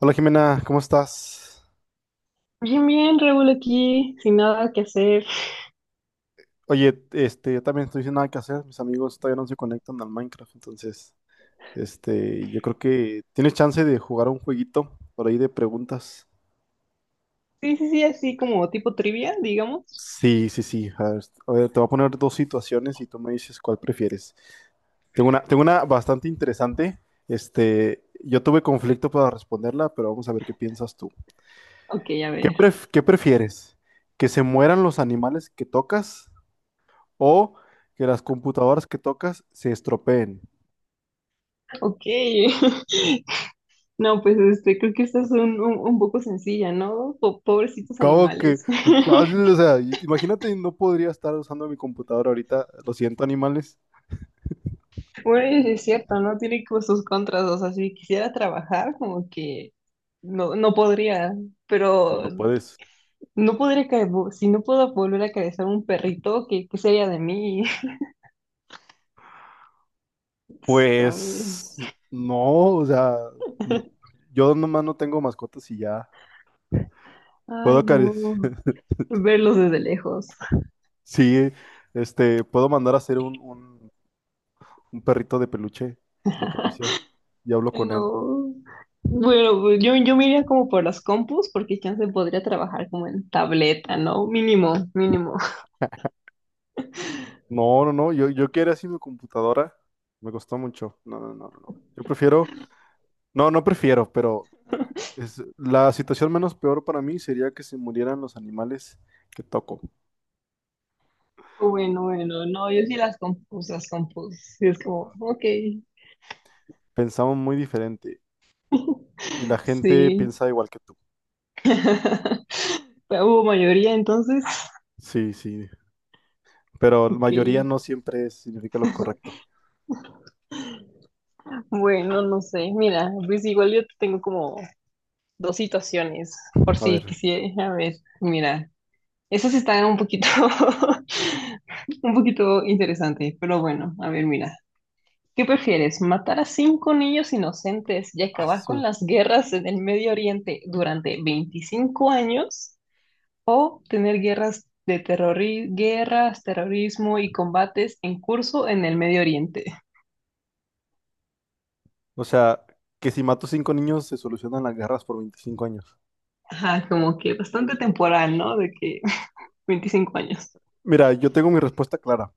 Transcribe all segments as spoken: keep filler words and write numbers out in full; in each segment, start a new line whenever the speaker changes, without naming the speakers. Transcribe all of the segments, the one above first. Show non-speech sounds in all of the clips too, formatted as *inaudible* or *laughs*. Hola Jimena, ¿cómo estás?
Bien, bien, Raúl aquí, sin nada que hacer.
Oye, este, yo también estoy sin nada que hacer, mis amigos todavía no se conectan al Minecraft, entonces, este, yo creo que tienes chance de jugar un jueguito por ahí de preguntas.
Sí, sí, sí, así como tipo trivia, digamos.
Sí, sí, sí, a ver, a ver, te voy a poner dos situaciones y tú me dices cuál prefieres. Tengo una, tengo una bastante interesante, este, yo tuve conflicto para responderla, pero vamos a ver qué piensas tú.
Ok, a
¿Qué
ver.
pref- qué prefieres? ¿Que se mueran los animales que tocas o que las computadoras que tocas se estropeen?
Ok. *laughs* No, pues este, creo que esta es un, un, un poco sencilla, ¿no? Po- pobrecitos
¿Cómo que?
animales. *laughs*
¿Cuál? O sea, i- imagínate, no podría estar usando mi computadora ahorita. Lo siento, animales.
Bueno, es cierto, ¿no? Tiene como sus contras, o sea, si quisiera trabajar, como que no, no podría,
No,
pero
no puedes.
no podría, ca- si no puedo volver a acariciar a un perrito, ¿qué, qué sería de mí? *laughs* ¿Sabe?
Pues no, o sea, no- yo nomás no tengo mascotas y ya. Puedo
Ay, no.
acariciar,
Verlos desde lejos.
*laughs* sí, este, puedo mandar a hacer un, un, un perrito de peluche y lo acaricio y hablo con él.
No. Bueno, pues yo, yo me iría como por las compus, porque chance podría trabajar como en tableta, ¿no? Mínimo, mínimo. *laughs*
No, no, no, yo, yo quiero así mi computadora. Me costó mucho. No, no, no, no, no. Yo prefiero. No, no prefiero, pero es, la situación menos peor para mí sería que se murieran los animales que toco.
Bueno, bueno, no, yo sí las compus, las compus. Sí, es como, ok,
Pensamos muy diferente y la gente
sí.
piensa igual que tú.
*laughs* Hubo mayoría entonces.
Sí, sí, pero la
Ok.
mayoría no siempre significa lo correcto.
Bueno, no sé. Mira, pues igual yo tengo como dos situaciones, por
A ver,
si quisiera. A ver, mira, esas están un poquito, *laughs* un poquito interesantes, pero bueno, a ver, mira. ¿Qué prefieres? ¿Matar a cinco niños inocentes y acabar con
asu.
las guerras en el Medio Oriente durante veinticinco años? ¿O tener guerras de terrori- guerras, terrorismo y combates en curso en el Medio Oriente?
O sea, que si mato cinco niños se solucionan las guerras por veinticinco años.
Ajá, como que bastante temporal, ¿no? De que *laughs* veinticinco años.
Mira, yo tengo mi respuesta clara,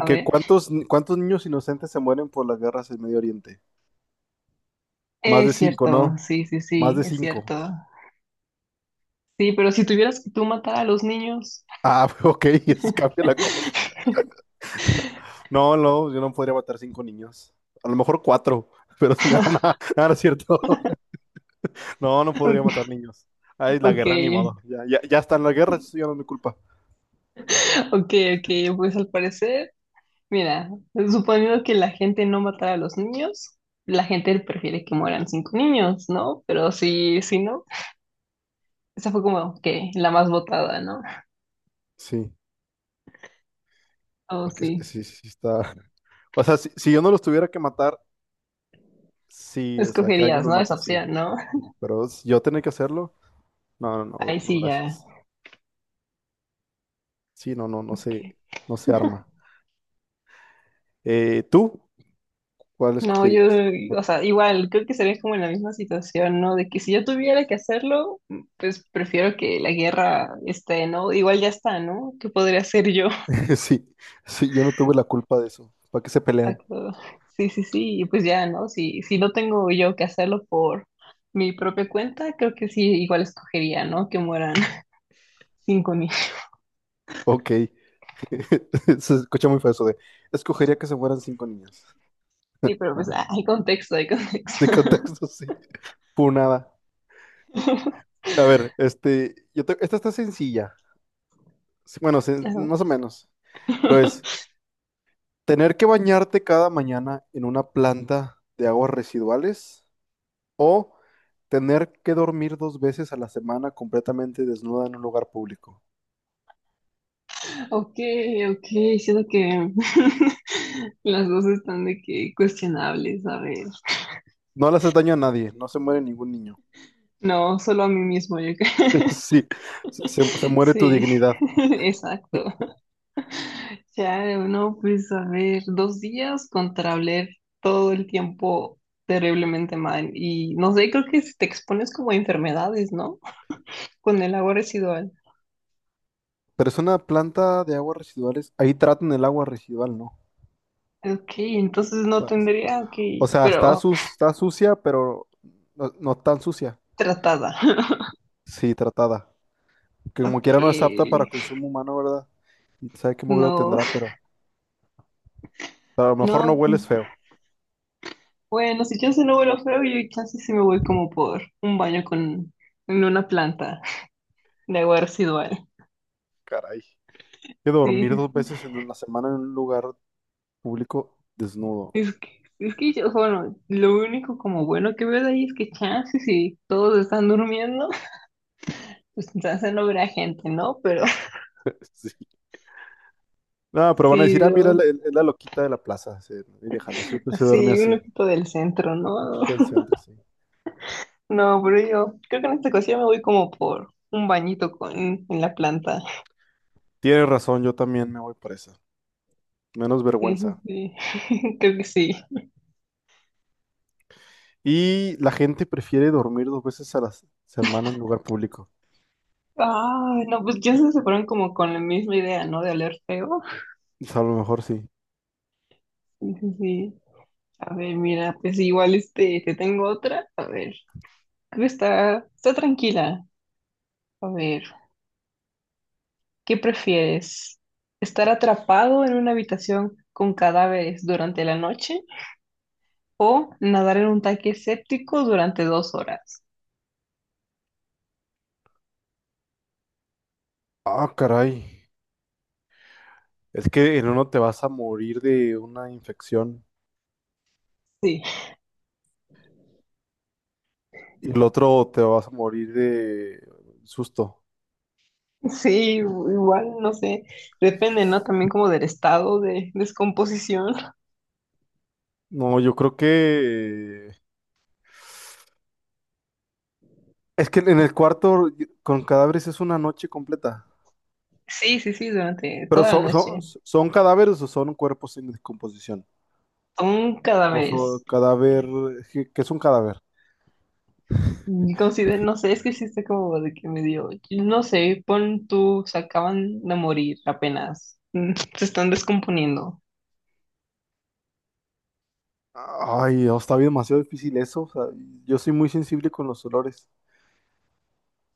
A ver.
¿cuántos, cuántos niños inocentes se mueren por las guerras en Medio Oriente? Más de
Es
cinco,
cierto,
¿no?
sí, sí,
Más
sí,
de
es
cinco.
cierto. Sí, pero si tuvieras que tú matar a los niños.
Ah, *laughs* ok, eso cambia la cosa. No, no, yo no podría matar cinco niños. A lo mejor cuatro, pero sin *laughs* ganar, nada.
*laughs*
Ah, no es cierto. *laughs* No, no podría matar niños. Ay, la
Ok,
guerra, ni modo. Ya, ya, ya está en la guerra, eso ya no es mi culpa.
ok, ok, pues al parecer. Mira, suponiendo que la gente no matara a los niños, la gente prefiere que mueran cinco niños, ¿no? Pero sí, sí, ¿no? Esa fue como que la más votada, ¿no?
Sí,
Oh,
porque
sí.
sí, sí, sí está. *laughs* O sea, si, si yo no los tuviera que matar, sí, o sea, que alguien
Escogerías,
los
¿no? Esa
mate, sí.
opción, ¿no?
Sí, pero si yo tener que hacerlo, no, no, no,
Ahí
no,
sí ya.
gracias. Sí, no, no, no
Ok.
se, no se arma. Eh, ¿tú cuál
No, yo,
escogerías? No-
o sea, igual, creo que sería como en la misma situación, ¿no? De que si yo tuviera que hacerlo, pues prefiero que la guerra esté, ¿no? Igual ya está, ¿no? ¿Qué podría hacer yo?
*laughs* Sí, sí, yo no tuve la culpa de eso. ¿Para qué se pelean?
Exacto. Sí, sí, sí. Y pues ya, ¿no? Si, si no tengo yo que hacerlo por mi propia cuenta, creo que sí, igual escogería, ¿no? Que mueran *laughs* cinco niños.
Ok. *laughs* Se escucha muy feo eso de, escogería que se fueran cinco niñas.
Sí,
*laughs*
pero pues ah, hay contexto, hay
De
contexto.
contexto, sí. Punada.
*laughs*
A ver, este, yo te- esta está sencilla. Sí, bueno, sen-
Eso
más o
es.
menos. Pero es, tener que bañarte cada mañana en una planta de aguas residuales o tener que dormir dos veces a la semana completamente desnuda en un lugar público.
Ok, ok, siento que *laughs* las dos están de que cuestionables, a ver.
No le haces daño a nadie, no se muere ningún niño.
No, solo a mí mismo, yo creo.
*laughs* Sí, se, se se muere tu
Sí,
dignidad.
*laughs* exacto. Ya no, pues a ver, dos días contra oler todo el tiempo terriblemente mal. Y no sé, creo que te expones como a enfermedades, ¿no? *laughs* Con el agua residual.
Pero es una planta de aguas residuales. Ahí tratan el agua residual, ¿no? O
Ok, entonces no
sea, o sea-
tendría
o
que,
sea, está,
pero
sus- está sucia, pero no, no tan sucia.
tratada. *laughs*
Sí, tratada. Que como
Ok,
quiera no es apta para consumo humano, ¿verdad? Y sabe qué lo
no,
tendrá, pero, pero, a lo mejor no
no,
hueles feo.
bueno, si yo se no vuelo feo, yo casi sí sí me voy como por un baño con en una planta de agua residual.
Caray. Que
Sí,
dormir dos
sí,
veces en la semana en un lugar público desnudo.
Es que, es que yo, bueno, lo único como bueno que veo de ahí es que chance si todos están durmiendo, *laughs* pues chance no verá gente, ¿no? Pero
*laughs* Sí. No,
*laughs*
pero van a
sí,
decir, ah, mira, la-
lo-
es la loquita de la plaza. Sí, ¿no? Y déjala, siempre se duerme
así un
así.
equipo del centro, ¿no?
Loquita del
*laughs*
centro, sí.
No, pero yo creo que en esta ocasión me voy como por un bañito con, en la planta. *laughs*
Tienes razón, yo también me voy por esa. Menos
Sí, sí,
vergüenza.
sí. *laughs* Creo que sí.
Y la gente prefiere dormir dos veces a la s- semana en lugar público.
Ah, no, pues ya se fueron como con la misma idea, ¿no? De oler feo.
O sea, a lo mejor sí.
Sí, sí, sí. A ver, mira, pues igual este, te tengo otra. A ver, esta está, está tranquila. A ver, ¿qué prefieres? ¿Estar atrapado en una habitación con cadáveres durante la noche o nadar en un tanque séptico durante dos horas?
Ah, caray. Es que en uno te vas a morir de una infección
Sí,
y el otro te vas a morir de susto.
*laughs* sí, igual, no sé, depende, ¿no? También como del estado de descomposición. *laughs*
No, yo creo que. Es que en el cuarto con cadáveres es una noche completa.
Sí, sí, sí, durante
Pero
toda la
son, son,
noche.
son cadáveres o son cuerpos en descomposición.
Son
O son
cadáveres.
cadáver. ¿Qué qué es un cadáver?
Y Consider, no sé, es que sí está como de que me dio, no sé, pon tú, se acaban de morir apenas, *laughs* mm, se están descomponiendo.
Ay, no, está bien, demasiado difícil eso. O sea, yo soy muy sensible con los olores.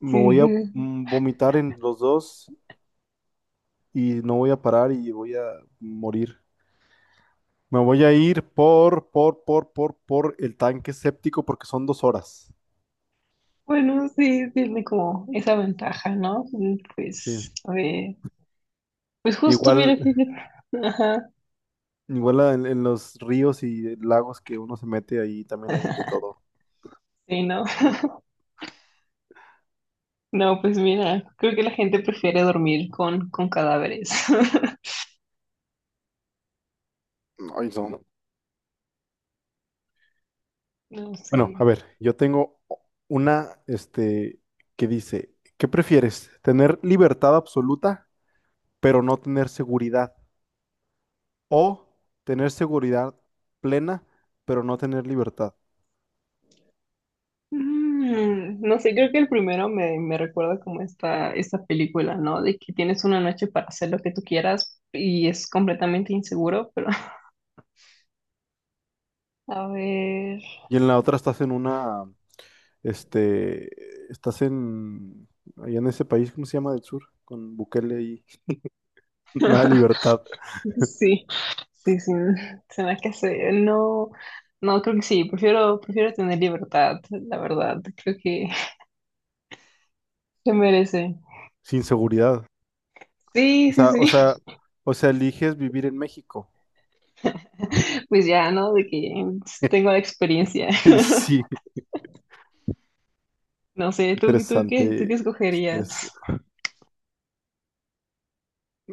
Me
Sí,
voy a mm, vomitar en los dos y no voy a parar y voy a morir. Me voy a ir por, por, por, por, por el tanque séptico porque son dos horas.
bueno, sí, tiene como esa ventaja, ¿no? Mm,
Sí.
Pues, a ver, pues justo,
Igual,
mira, fíjate. *laughs* Ajá,
igual en, en los ríos y lagos que uno se mete ahí también hay de todo.
sí, ¿no? *laughs* No, pues mira, creo que la gente prefiere dormir con, con cadáveres. *laughs*
Ay, no.
No,
Bueno, a
sí.
ver, yo tengo una, este, que dice, ¿qué prefieres? ¿Tener libertad absoluta? Pero no tener seguridad. O tener seguridad plena, pero no tener libertad.
Mm, no sé, creo que el primero me, me recuerda como esta, esta película, ¿no? De que tienes una noche para hacer lo que tú quieras y es completamente inseguro, pero *laughs* a ver.
Y en la otra estás en una, este, estás en, allá en ese país, ¿cómo se llama? Del sur, con Bukele y *laughs* nada de libertad,
*laughs* Sí, sí, sí, se me hace, no, no, creo que sí, prefiero, prefiero tener libertad, la verdad, creo que *laughs* se merece.
sin seguridad. O
Sí, sí,
sea,
sí,
o sea, o sea, eliges vivir en México.
*laughs* pues ya, ¿no? De que tengo
*laughs*
la experiencia.
Sí,
*laughs* No sé, ¿tú, tú qué, tú qué
interesante. Estres-
escogerías?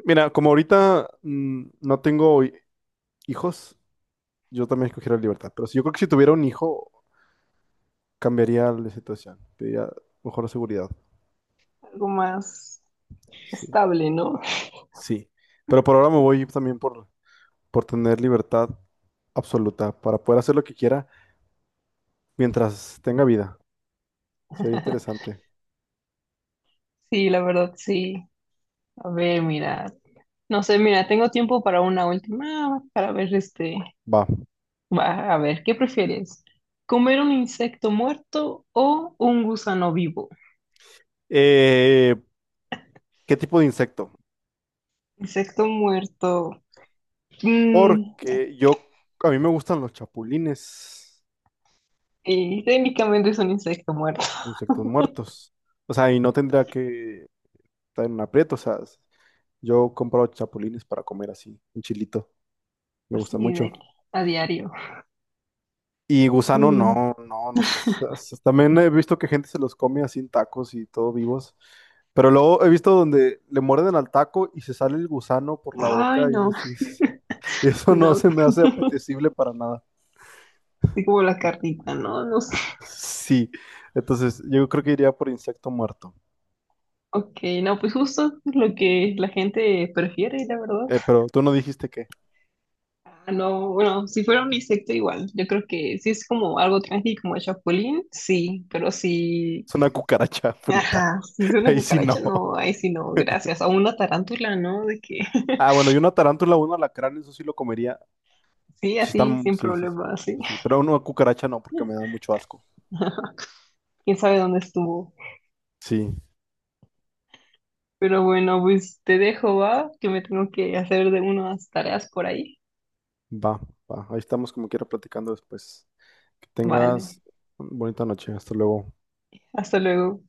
Mira, como ahorita mm, no tengo hi- hijos, yo también escogiera la libertad. Pero si yo creo que si tuviera un hijo, cambiaría la situación, pediría mejor seguridad.
Algo más
Sí,
estable, ¿no?
sí. Pero por ahora me voy también por, por tener libertad absoluta para poder hacer lo que quiera mientras tenga vida. Sería
*laughs*
interesante.
Sí, la verdad, sí. A ver, mira, no sé, mira, tengo tiempo para una última, para ver este,
Va.
Va, a ver, ¿qué prefieres? ¿Comer un insecto muerto o un gusano vivo?
Eh, ¿qué tipo de insecto?
Insecto muerto. Mm,
Porque yo, a mí me gustan los chapulines,
sí, técnicamente es un insecto muerto.
los insectos muertos. O sea, y no tendría que estar en un aprieto. O sea, yo compro chapulines para comer así, un chilito. Me
Así
gusta
de
mucho.
a diario.
Y gusano,
Mm,
no, no, no sé, s- también he visto que gente se los come así en tacos y todo vivos. Pero luego he visto donde le muerden al taco y se sale el gusano por la
ay,
boca y,
no,
es- *laughs* eso no
no.
se me hace
*laughs*
apetecible para nada.
Así como la carnita, no, no sé.
Sí, entonces yo creo que iría por insecto muerto.
Ok, no, pues justo lo que la gente prefiere, la verdad.
Eh, pero tú no dijiste que
Ah, no, bueno, si fuera un insecto igual, yo creo que si es como algo tranqui como el chapulín, sí, pero si
es una cucaracha frita.
Ajá, si es
*laughs*
una
Ahí sí
cucaracha,
no.
no, ahí sí no, gracias. O una tarántula, ¿no? De que
Ah,
*laughs*
bueno, y una tarántula, un alacrán, eso sí lo comería.
sí,
Si
así,
están,
sin
sí, sí, sí,
problema, sí.
eso sí. Pero una cucaracha no, porque me da mucho asco.
*laughs* Quién sabe dónde estuvo.
Sí.
Pero bueno, pues te dejo, va, que me tengo que hacer de unas tareas por ahí.
Va, va. Ahí estamos como quiera platicando después. Que
Vale,
tengas una bonita noche. Hasta luego.
hasta luego.